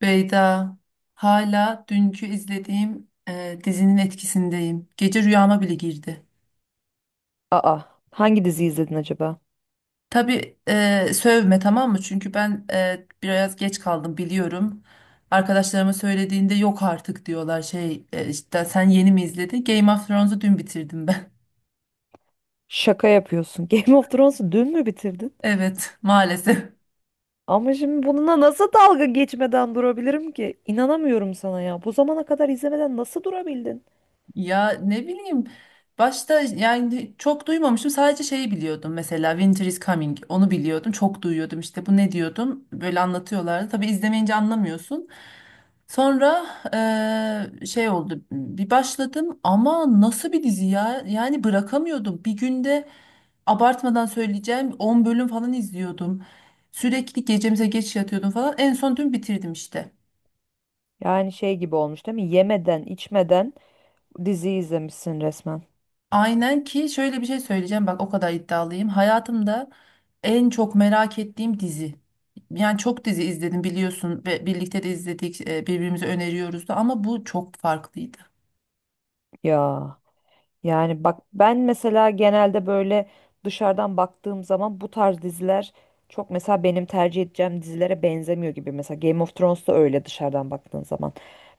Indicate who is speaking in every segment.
Speaker 1: Beyda, hala dünkü izlediğim dizinin etkisindeyim. Gece rüyama bile girdi.
Speaker 2: Aa, hangi diziyi izledin acaba?
Speaker 1: Tabii sövme, tamam mı? Çünkü ben biraz geç kaldım, biliyorum. Arkadaşlarıma söylediğinde yok artık diyorlar, şey işte sen yeni mi izledin? Game of Thrones'u dün bitirdim ben.
Speaker 2: Şaka yapıyorsun. Game of Thrones'u dün mü bitirdin?
Speaker 1: Evet, maalesef.
Speaker 2: Ama şimdi bununla nasıl dalga geçmeden durabilirim ki? İnanamıyorum sana ya. Bu zamana kadar izlemeden nasıl durabildin?
Speaker 1: Ya ne bileyim, başta yani çok duymamıştım, sadece şeyi biliyordum, mesela Winter is Coming, onu biliyordum, çok duyuyordum işte, bu ne diyordum böyle anlatıyorlardı. Tabii izlemeyince anlamıyorsun. Sonra şey oldu, bir başladım ama nasıl bir dizi ya, yani bırakamıyordum. Bir günde, abartmadan söyleyeceğim, 10 bölüm falan izliyordum, sürekli gecemize geç yatıyordum falan, en son dün bitirdim işte.
Speaker 2: Yani şey gibi olmuş değil mi? Yemeden, içmeden diziyi izlemişsin resmen.
Speaker 1: Aynen. Ki şöyle bir şey söyleyeceğim, bak o kadar iddialıyım. Hayatımda en çok merak ettiğim dizi. Yani çok dizi izledim biliyorsun ve birlikte de izledik, birbirimize öneriyoruz da, ama bu çok farklıydı.
Speaker 2: Ya. Yani bak ben mesela genelde böyle dışarıdan baktığım zaman bu tarz diziler çok mesela benim tercih edeceğim dizilere benzemiyor gibi. Mesela Game of Thrones da öyle dışarıdan baktığın zaman.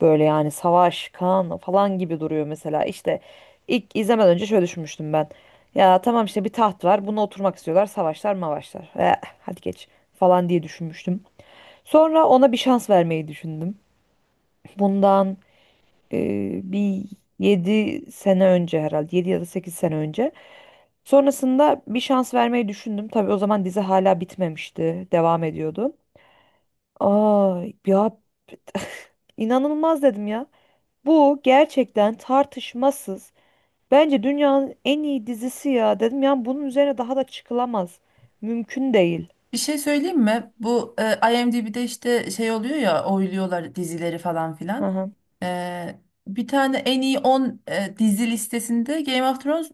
Speaker 2: Böyle yani savaş, kan falan gibi duruyor mesela. İşte ilk izlemeden önce şöyle düşünmüştüm ben. Ya tamam işte bir taht var. Buna oturmak istiyorlar. Savaşlar, mavaşlar. Eh, hadi geç falan diye düşünmüştüm. Sonra ona bir şans vermeyi düşündüm. Bundan bir 7 sene önce, herhalde 7 ya da 8 sene önce. Sonrasında bir şans vermeyi düşündüm. Tabii o zaman dizi hala bitmemişti. Devam ediyordu. Aa ya, inanılmaz dedim ya. Bu gerçekten tartışmasız. Bence dünyanın en iyi dizisi ya dedim. Yani bunun üzerine daha da çıkılamaz. Mümkün değil.
Speaker 1: Bir şey söyleyeyim mi? Bu IMDb'de işte şey oluyor ya, oyluyorlar dizileri falan
Speaker 2: Hı
Speaker 1: filan.
Speaker 2: hı.
Speaker 1: E, Bir tane en iyi 10 dizi listesinde Game of Thrones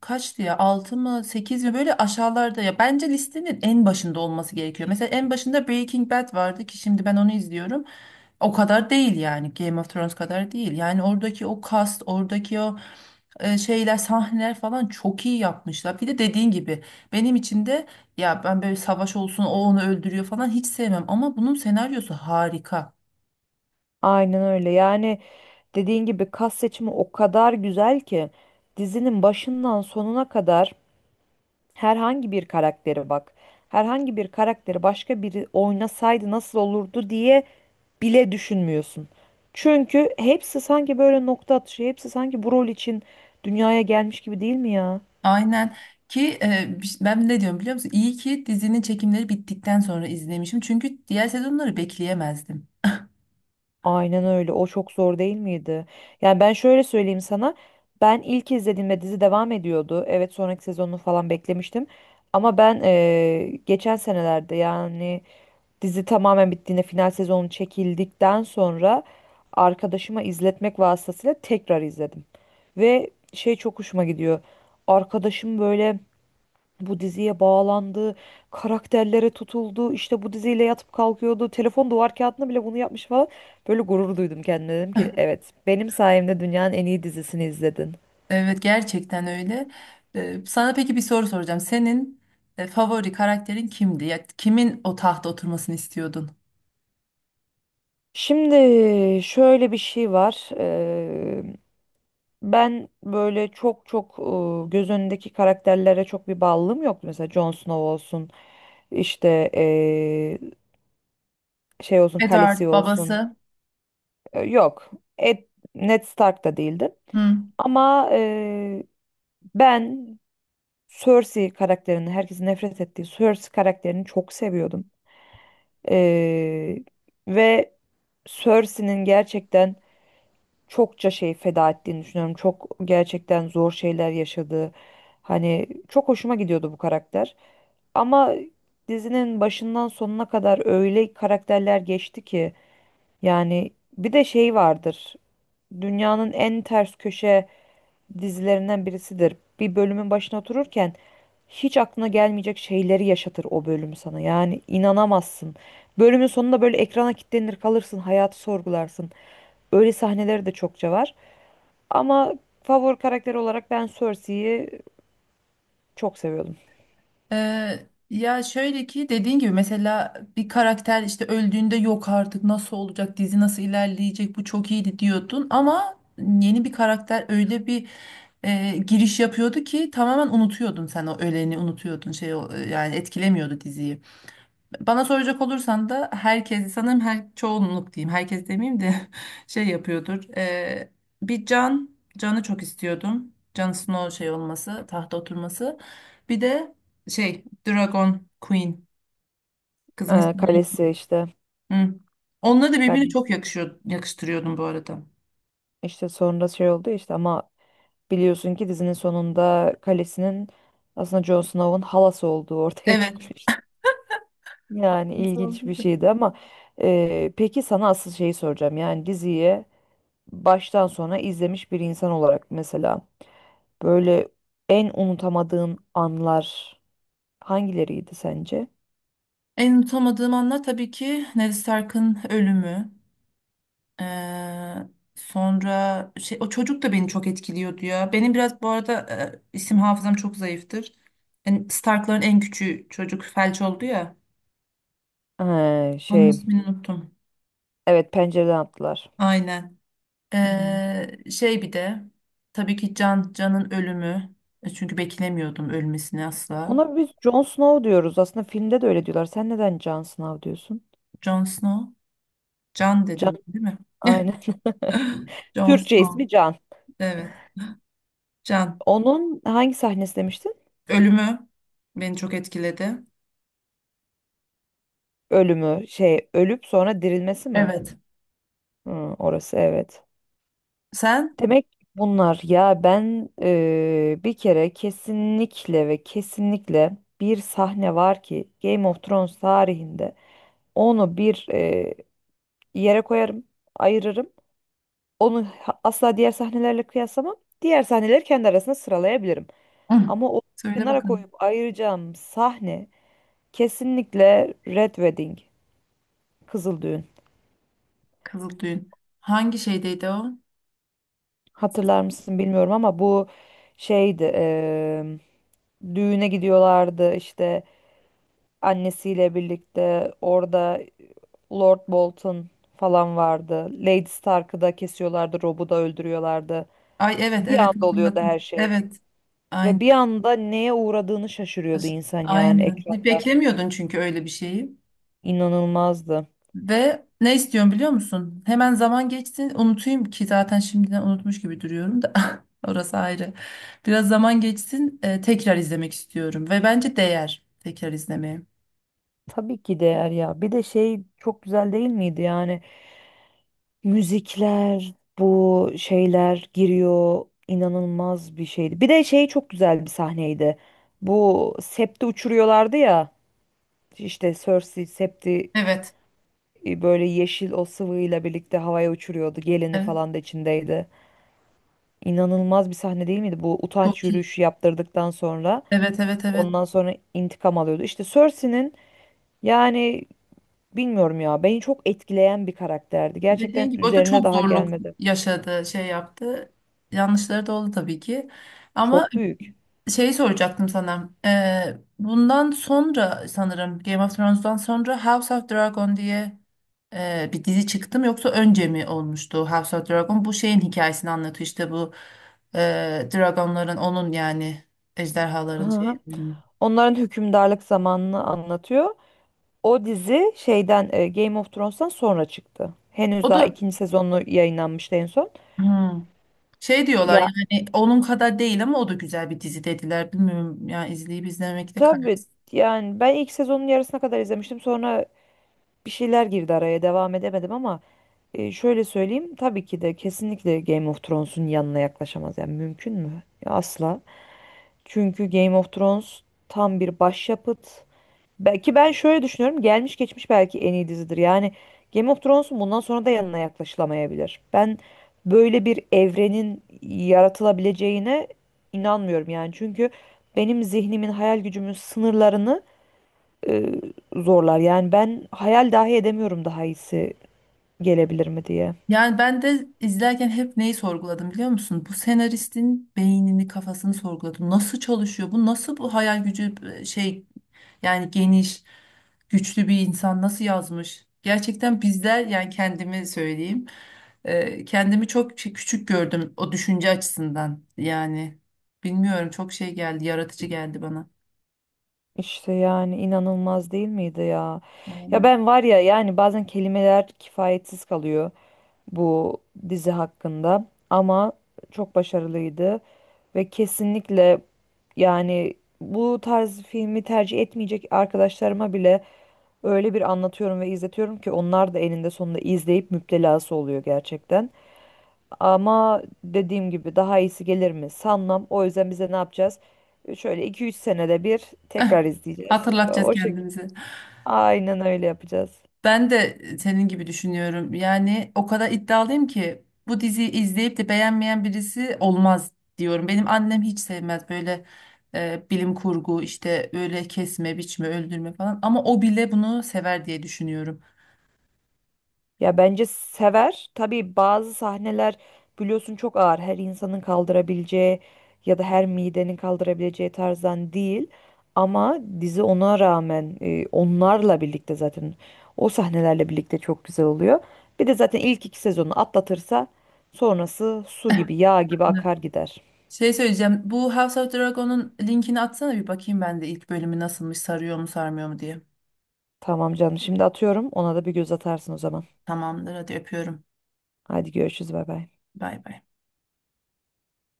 Speaker 1: kaçtı ya, 6 mı 8 mi, böyle aşağılarda ya. Bence listenin en başında olması gerekiyor. Mesela en başında Breaking Bad vardı ki şimdi ben onu izliyorum. O kadar değil yani, Game of Thrones kadar değil. Yani oradaki o cast, oradaki o şeyler, sahneler falan çok iyi yapmışlar. Bir de dediğin gibi benim için de, ya ben böyle savaş olsun, o onu öldürüyor falan hiç sevmem ama bunun senaryosu harika.
Speaker 2: Aynen öyle. Yani dediğin gibi kas seçimi o kadar güzel ki dizinin başından sonuna kadar herhangi bir karaktere bak. Herhangi bir karakteri başka biri oynasaydı nasıl olurdu diye bile düşünmüyorsun. Çünkü hepsi sanki böyle nokta atışı, hepsi sanki bu rol için dünyaya gelmiş gibi değil mi ya?
Speaker 1: Aynen. Ki ben ne diyorum biliyor musun? İyi ki dizinin çekimleri bittikten sonra izlemişim. Çünkü diğer sezonları bekleyemezdim.
Speaker 2: Aynen öyle. O çok zor değil miydi? Yani ben şöyle söyleyeyim sana. Ben ilk izlediğimde dizi devam ediyordu. Evet, sonraki sezonunu falan beklemiştim. Ama ben geçen senelerde, yani dizi tamamen bittiğinde, final sezonu çekildikten sonra arkadaşıma izletmek vasıtasıyla tekrar izledim. Ve şey çok hoşuma gidiyor. Arkadaşım böyle bu diziye bağlandı, karakterlere tutuldu, işte bu diziyle yatıp kalkıyordu, telefon duvar kağıdına bile bunu yapmış falan. Böyle gurur duydum kendime, dedim ki evet, benim sayemde dünyanın en iyi dizisini izledin.
Speaker 1: Evet, gerçekten öyle. Sana peki bir soru soracağım. Senin favori karakterin kimdi? Ya, kimin o tahta oturmasını istiyordun?
Speaker 2: Şimdi şöyle bir şey var. Ben böyle çok çok göz önündeki karakterlere çok bir bağlılığım yok. Mesela Jon Snow olsun, işte şey olsun, Khaleesi
Speaker 1: Edward
Speaker 2: olsun.
Speaker 1: babası.
Speaker 2: Yok. Ed, Ned Stark da değildi.
Speaker 1: Hı.
Speaker 2: Ama ben Cersei karakterini, herkesin nefret ettiği Cersei karakterini çok seviyordum. E, ve Cersei'nin gerçekten çokça şey feda ettiğini düşünüyorum. Çok gerçekten zor şeyler yaşadığı. Hani çok hoşuma gidiyordu bu karakter. Ama dizinin başından sonuna kadar öyle karakterler geçti ki, yani bir de şey vardır, dünyanın en ters köşe dizilerinden birisidir. Bir bölümün başına otururken hiç aklına gelmeyecek şeyleri yaşatır o bölüm sana. Yani inanamazsın. Bölümün sonunda böyle ekrana kilitlenir kalırsın, hayatı sorgularsın. Öyle sahneleri de çokça var. Ama favori karakter olarak ben Cersei'yi çok seviyordum.
Speaker 1: Ee, Ya şöyle ki dediğin gibi, mesela bir karakter işte öldüğünde, yok artık nasıl olacak dizi, nasıl ilerleyecek, bu çok iyiydi diyordun ama yeni bir karakter öyle bir giriş yapıyordu ki tamamen unutuyordun, sen o öleni unutuyordun, yani etkilemiyordu diziyi. Bana soracak olursan da, herkes sanırım, her çoğunluk diyeyim, herkes demeyeyim de şey yapıyordur. Bir Can'ı çok istiyordum. Jon Snow şey olması, tahta oturması. Bir de şey, Dragon Queen, kızın ismi.
Speaker 2: Kalesi işte,
Speaker 1: Hı. Onları da birbirine
Speaker 2: kalesi
Speaker 1: çok yakışıyor, yakıştırıyordum bu arada.
Speaker 2: işte sonra şey oldu işte, ama biliyorsun ki dizinin sonunda kalesinin aslında Jon Snow'un halası olduğu ortaya
Speaker 1: Evet.
Speaker 2: çıkmış. Yani
Speaker 1: Nasıl
Speaker 2: ilginç bir
Speaker 1: oldu?
Speaker 2: şeydi, ama peki sana asıl şeyi soracağım. Yani diziyi baştan sona izlemiş bir insan olarak, mesela böyle en unutamadığın anlar hangileriydi sence?
Speaker 1: En unutamadığım anlar tabii ki Ned Stark'ın ölümü. Eee, Sonra şey, o çocuk da beni çok etkiliyordu ya. Benim biraz bu arada isim hafızam çok zayıftır. Yani Stark'ların en küçüğü çocuk felç oldu ya.
Speaker 2: Ee,
Speaker 1: Onun
Speaker 2: şey,
Speaker 1: ismini unuttum.
Speaker 2: evet, pencereden attılar.
Speaker 1: Aynen.
Speaker 2: Hı hı.
Speaker 1: Şey bir de tabii ki Can'ın ölümü. Çünkü beklemiyordum ölmesini asla.
Speaker 2: Ona biz Jon Snow diyoruz. Aslında filmde de öyle diyorlar. Sen neden Jon Snow diyorsun?
Speaker 1: Jon Snow. Can
Speaker 2: Can,
Speaker 1: dedim değil mi?
Speaker 2: aynen.
Speaker 1: Jon
Speaker 2: Türkçe
Speaker 1: Snow.
Speaker 2: ismi Can.
Speaker 1: Evet. Can.
Speaker 2: Onun hangi sahnesi demiştin?
Speaker 1: Ölümü beni çok etkiledi.
Speaker 2: Ölümü, şey, ölüp sonra dirilmesi mi?
Speaker 1: Evet.
Speaker 2: Hı, orası evet.
Speaker 1: Sen?
Speaker 2: Demek ki bunlar. Ya ben bir kere kesinlikle ve kesinlikle bir sahne var ki Game of Thrones tarihinde onu bir yere koyarım, ayırırım. Asla diğer sahnelerle kıyaslamam. Diğer sahneleri kendi arasında sıralayabilirim.
Speaker 1: Hı.
Speaker 2: Ama o
Speaker 1: Söyle
Speaker 2: kenara
Speaker 1: bakalım.
Speaker 2: koyup ayıracağım sahne kesinlikle Red Wedding, Kızıl Düğün.
Speaker 1: Kızıldüğün. Hangi şeydeydi o?
Speaker 2: Hatırlar mısın bilmiyorum ama bu şeydi. Düğüne gidiyorlardı işte, annesiyle birlikte, orada Lord Bolton falan vardı. Lady Stark'ı da kesiyorlardı, Rob'u da öldürüyorlardı.
Speaker 1: Ay evet,
Speaker 2: Bir
Speaker 1: evet,
Speaker 2: anda oluyordu
Speaker 1: hatırladım.
Speaker 2: her şey.
Speaker 1: Evet.
Speaker 2: Ve
Speaker 1: Aynen.
Speaker 2: bir anda neye uğradığını şaşırıyordu insan yani
Speaker 1: Aynen.
Speaker 2: ekranda.
Speaker 1: Beklemiyordun çünkü öyle bir şeyi.
Speaker 2: İnanılmazdı.
Speaker 1: Ve ne istiyorum biliyor musun? Hemen zaman geçsin, unutayım, ki zaten şimdiden unutmuş gibi duruyorum da orası ayrı. Biraz zaman geçsin, tekrar izlemek istiyorum ve bence değer tekrar izlemeye.
Speaker 2: Tabii ki değer ya. Bir de şey çok güzel değil miydi yani? Müzikler, bu şeyler giriyor. İnanılmaz bir şeydi. Bir de şey çok güzel bir sahneydi. Bu septi uçuruyorlardı ya. İşte Cersei septi
Speaker 1: Evet.
Speaker 2: böyle yeşil o sıvıyla birlikte havaya uçuruyordu. Gelini
Speaker 1: Evet.
Speaker 2: falan da içindeydi. İnanılmaz bir sahne değil miydi? Bu utanç
Speaker 1: Çok iyi.
Speaker 2: yürüyüşü yaptırdıktan sonra
Speaker 1: Evet, evet, evet.
Speaker 2: ondan sonra intikam alıyordu. İşte Cersei'nin, yani bilmiyorum ya, beni çok etkileyen bir karakterdi.
Speaker 1: Dediğin
Speaker 2: Gerçekten
Speaker 1: gibi o da
Speaker 2: üzerine
Speaker 1: çok
Speaker 2: daha
Speaker 1: zorluk
Speaker 2: gelmedi.
Speaker 1: yaşadı, şey yaptı. Yanlışları da oldu tabii ki. Ama
Speaker 2: Çok büyük.
Speaker 1: şey soracaktım sana. Bundan sonra, sanırım Game of Thrones'dan sonra House of Dragon diye bir dizi çıktı mı, yoksa önce mi olmuştu House of Dragon? Bu şeyin hikayesini anlatıyor işte, bu dragonların, onun yani
Speaker 2: Hı
Speaker 1: ejderhaların
Speaker 2: hı.
Speaker 1: şeyinin.
Speaker 2: Onların hükümdarlık zamanını anlatıyor. O dizi şeyden, Game of Thrones'tan sonra çıktı.
Speaker 1: O
Speaker 2: Henüz daha
Speaker 1: da
Speaker 2: ikinci sezonu yayınlanmıştı en son.
Speaker 1: hmm, şey diyorlar,
Speaker 2: Ya
Speaker 1: yani onun kadar değil ama o da güzel bir dizi dediler. Bilmiyorum yani, izleyip izlemekte karar.
Speaker 2: tabii, yani ben ilk sezonun yarısına kadar izlemiştim. Sonra bir şeyler girdi araya, devam edemedim, ama şöyle söyleyeyim, tabii ki de kesinlikle Game of Thrones'un yanına yaklaşamaz. Yani mümkün mü? Ya, asla. Çünkü Game of Thrones tam bir başyapıt. Belki ben şöyle düşünüyorum. Gelmiş geçmiş belki en iyi dizidir. Yani Game of Thrones'un bundan sonra da yanına yaklaşılamayabilir. Ben böyle bir evrenin yaratılabileceğine inanmıyorum yani. Çünkü benim zihnimin, hayal gücümün sınırlarını e, zorlar. Yani ben hayal dahi edemiyorum, daha iyisi gelebilir mi diye.
Speaker 1: Yani ben de izlerken hep neyi sorguladım biliyor musun? Bu senaristin beynini, kafasını sorguladım. Nasıl çalışıyor? Bu nasıl bu hayal gücü, şey yani geniş, güçlü bir insan nasıl yazmış? Gerçekten bizler, yani kendimi söyleyeyim. Kendimi çok küçük gördüm o düşünce açısından. Yani bilmiyorum, çok şey geldi, yaratıcı geldi bana.
Speaker 2: İşte yani inanılmaz değil miydi ya? Ya
Speaker 1: Aynen.
Speaker 2: ben var ya, yani bazen kelimeler kifayetsiz kalıyor bu dizi hakkında, ama çok başarılıydı ve kesinlikle, yani bu tarz filmi tercih etmeyecek arkadaşlarıma bile öyle bir anlatıyorum ve izletiyorum ki, onlar da eninde sonunda izleyip müptelası oluyor gerçekten. Ama dediğim gibi daha iyisi gelir mi sanmam. O yüzden bize ne yapacağız? Şöyle 2 3 senede bir tekrar izleyeceğiz.
Speaker 1: Hatırlatacağız
Speaker 2: O şekilde.
Speaker 1: kendimizi.
Speaker 2: Aynen öyle yapacağız.
Speaker 1: Ben de senin gibi düşünüyorum. Yani o kadar iddialıyım ki bu diziyi izleyip de beğenmeyen birisi olmaz diyorum. Benim annem hiç sevmez böyle bilim kurgu işte, öyle kesme, biçme, öldürme falan, ama o bile bunu sever diye düşünüyorum.
Speaker 2: Ya bence sever. Tabii bazı sahneler biliyorsun çok ağır. Her insanın kaldırabileceği ya da her midenin kaldırabileceği tarzdan değil. Ama dizi ona rağmen, onlarla birlikte, zaten o sahnelerle birlikte çok güzel oluyor. Bir de zaten ilk 2 sezonu atlatırsa sonrası su gibi yağ gibi akar gider.
Speaker 1: Şey söyleyeceğim. Bu House of Dragon'un linkini atsana, bir bakayım ben de ilk bölümü nasılmış, sarıyor mu, sarmıyor mu diye.
Speaker 2: Tamam canım, şimdi atıyorum, ona da bir göz atarsın o zaman.
Speaker 1: Tamamdır, hadi öpüyorum.
Speaker 2: Hadi görüşürüz, bay bay.
Speaker 1: Bay bay.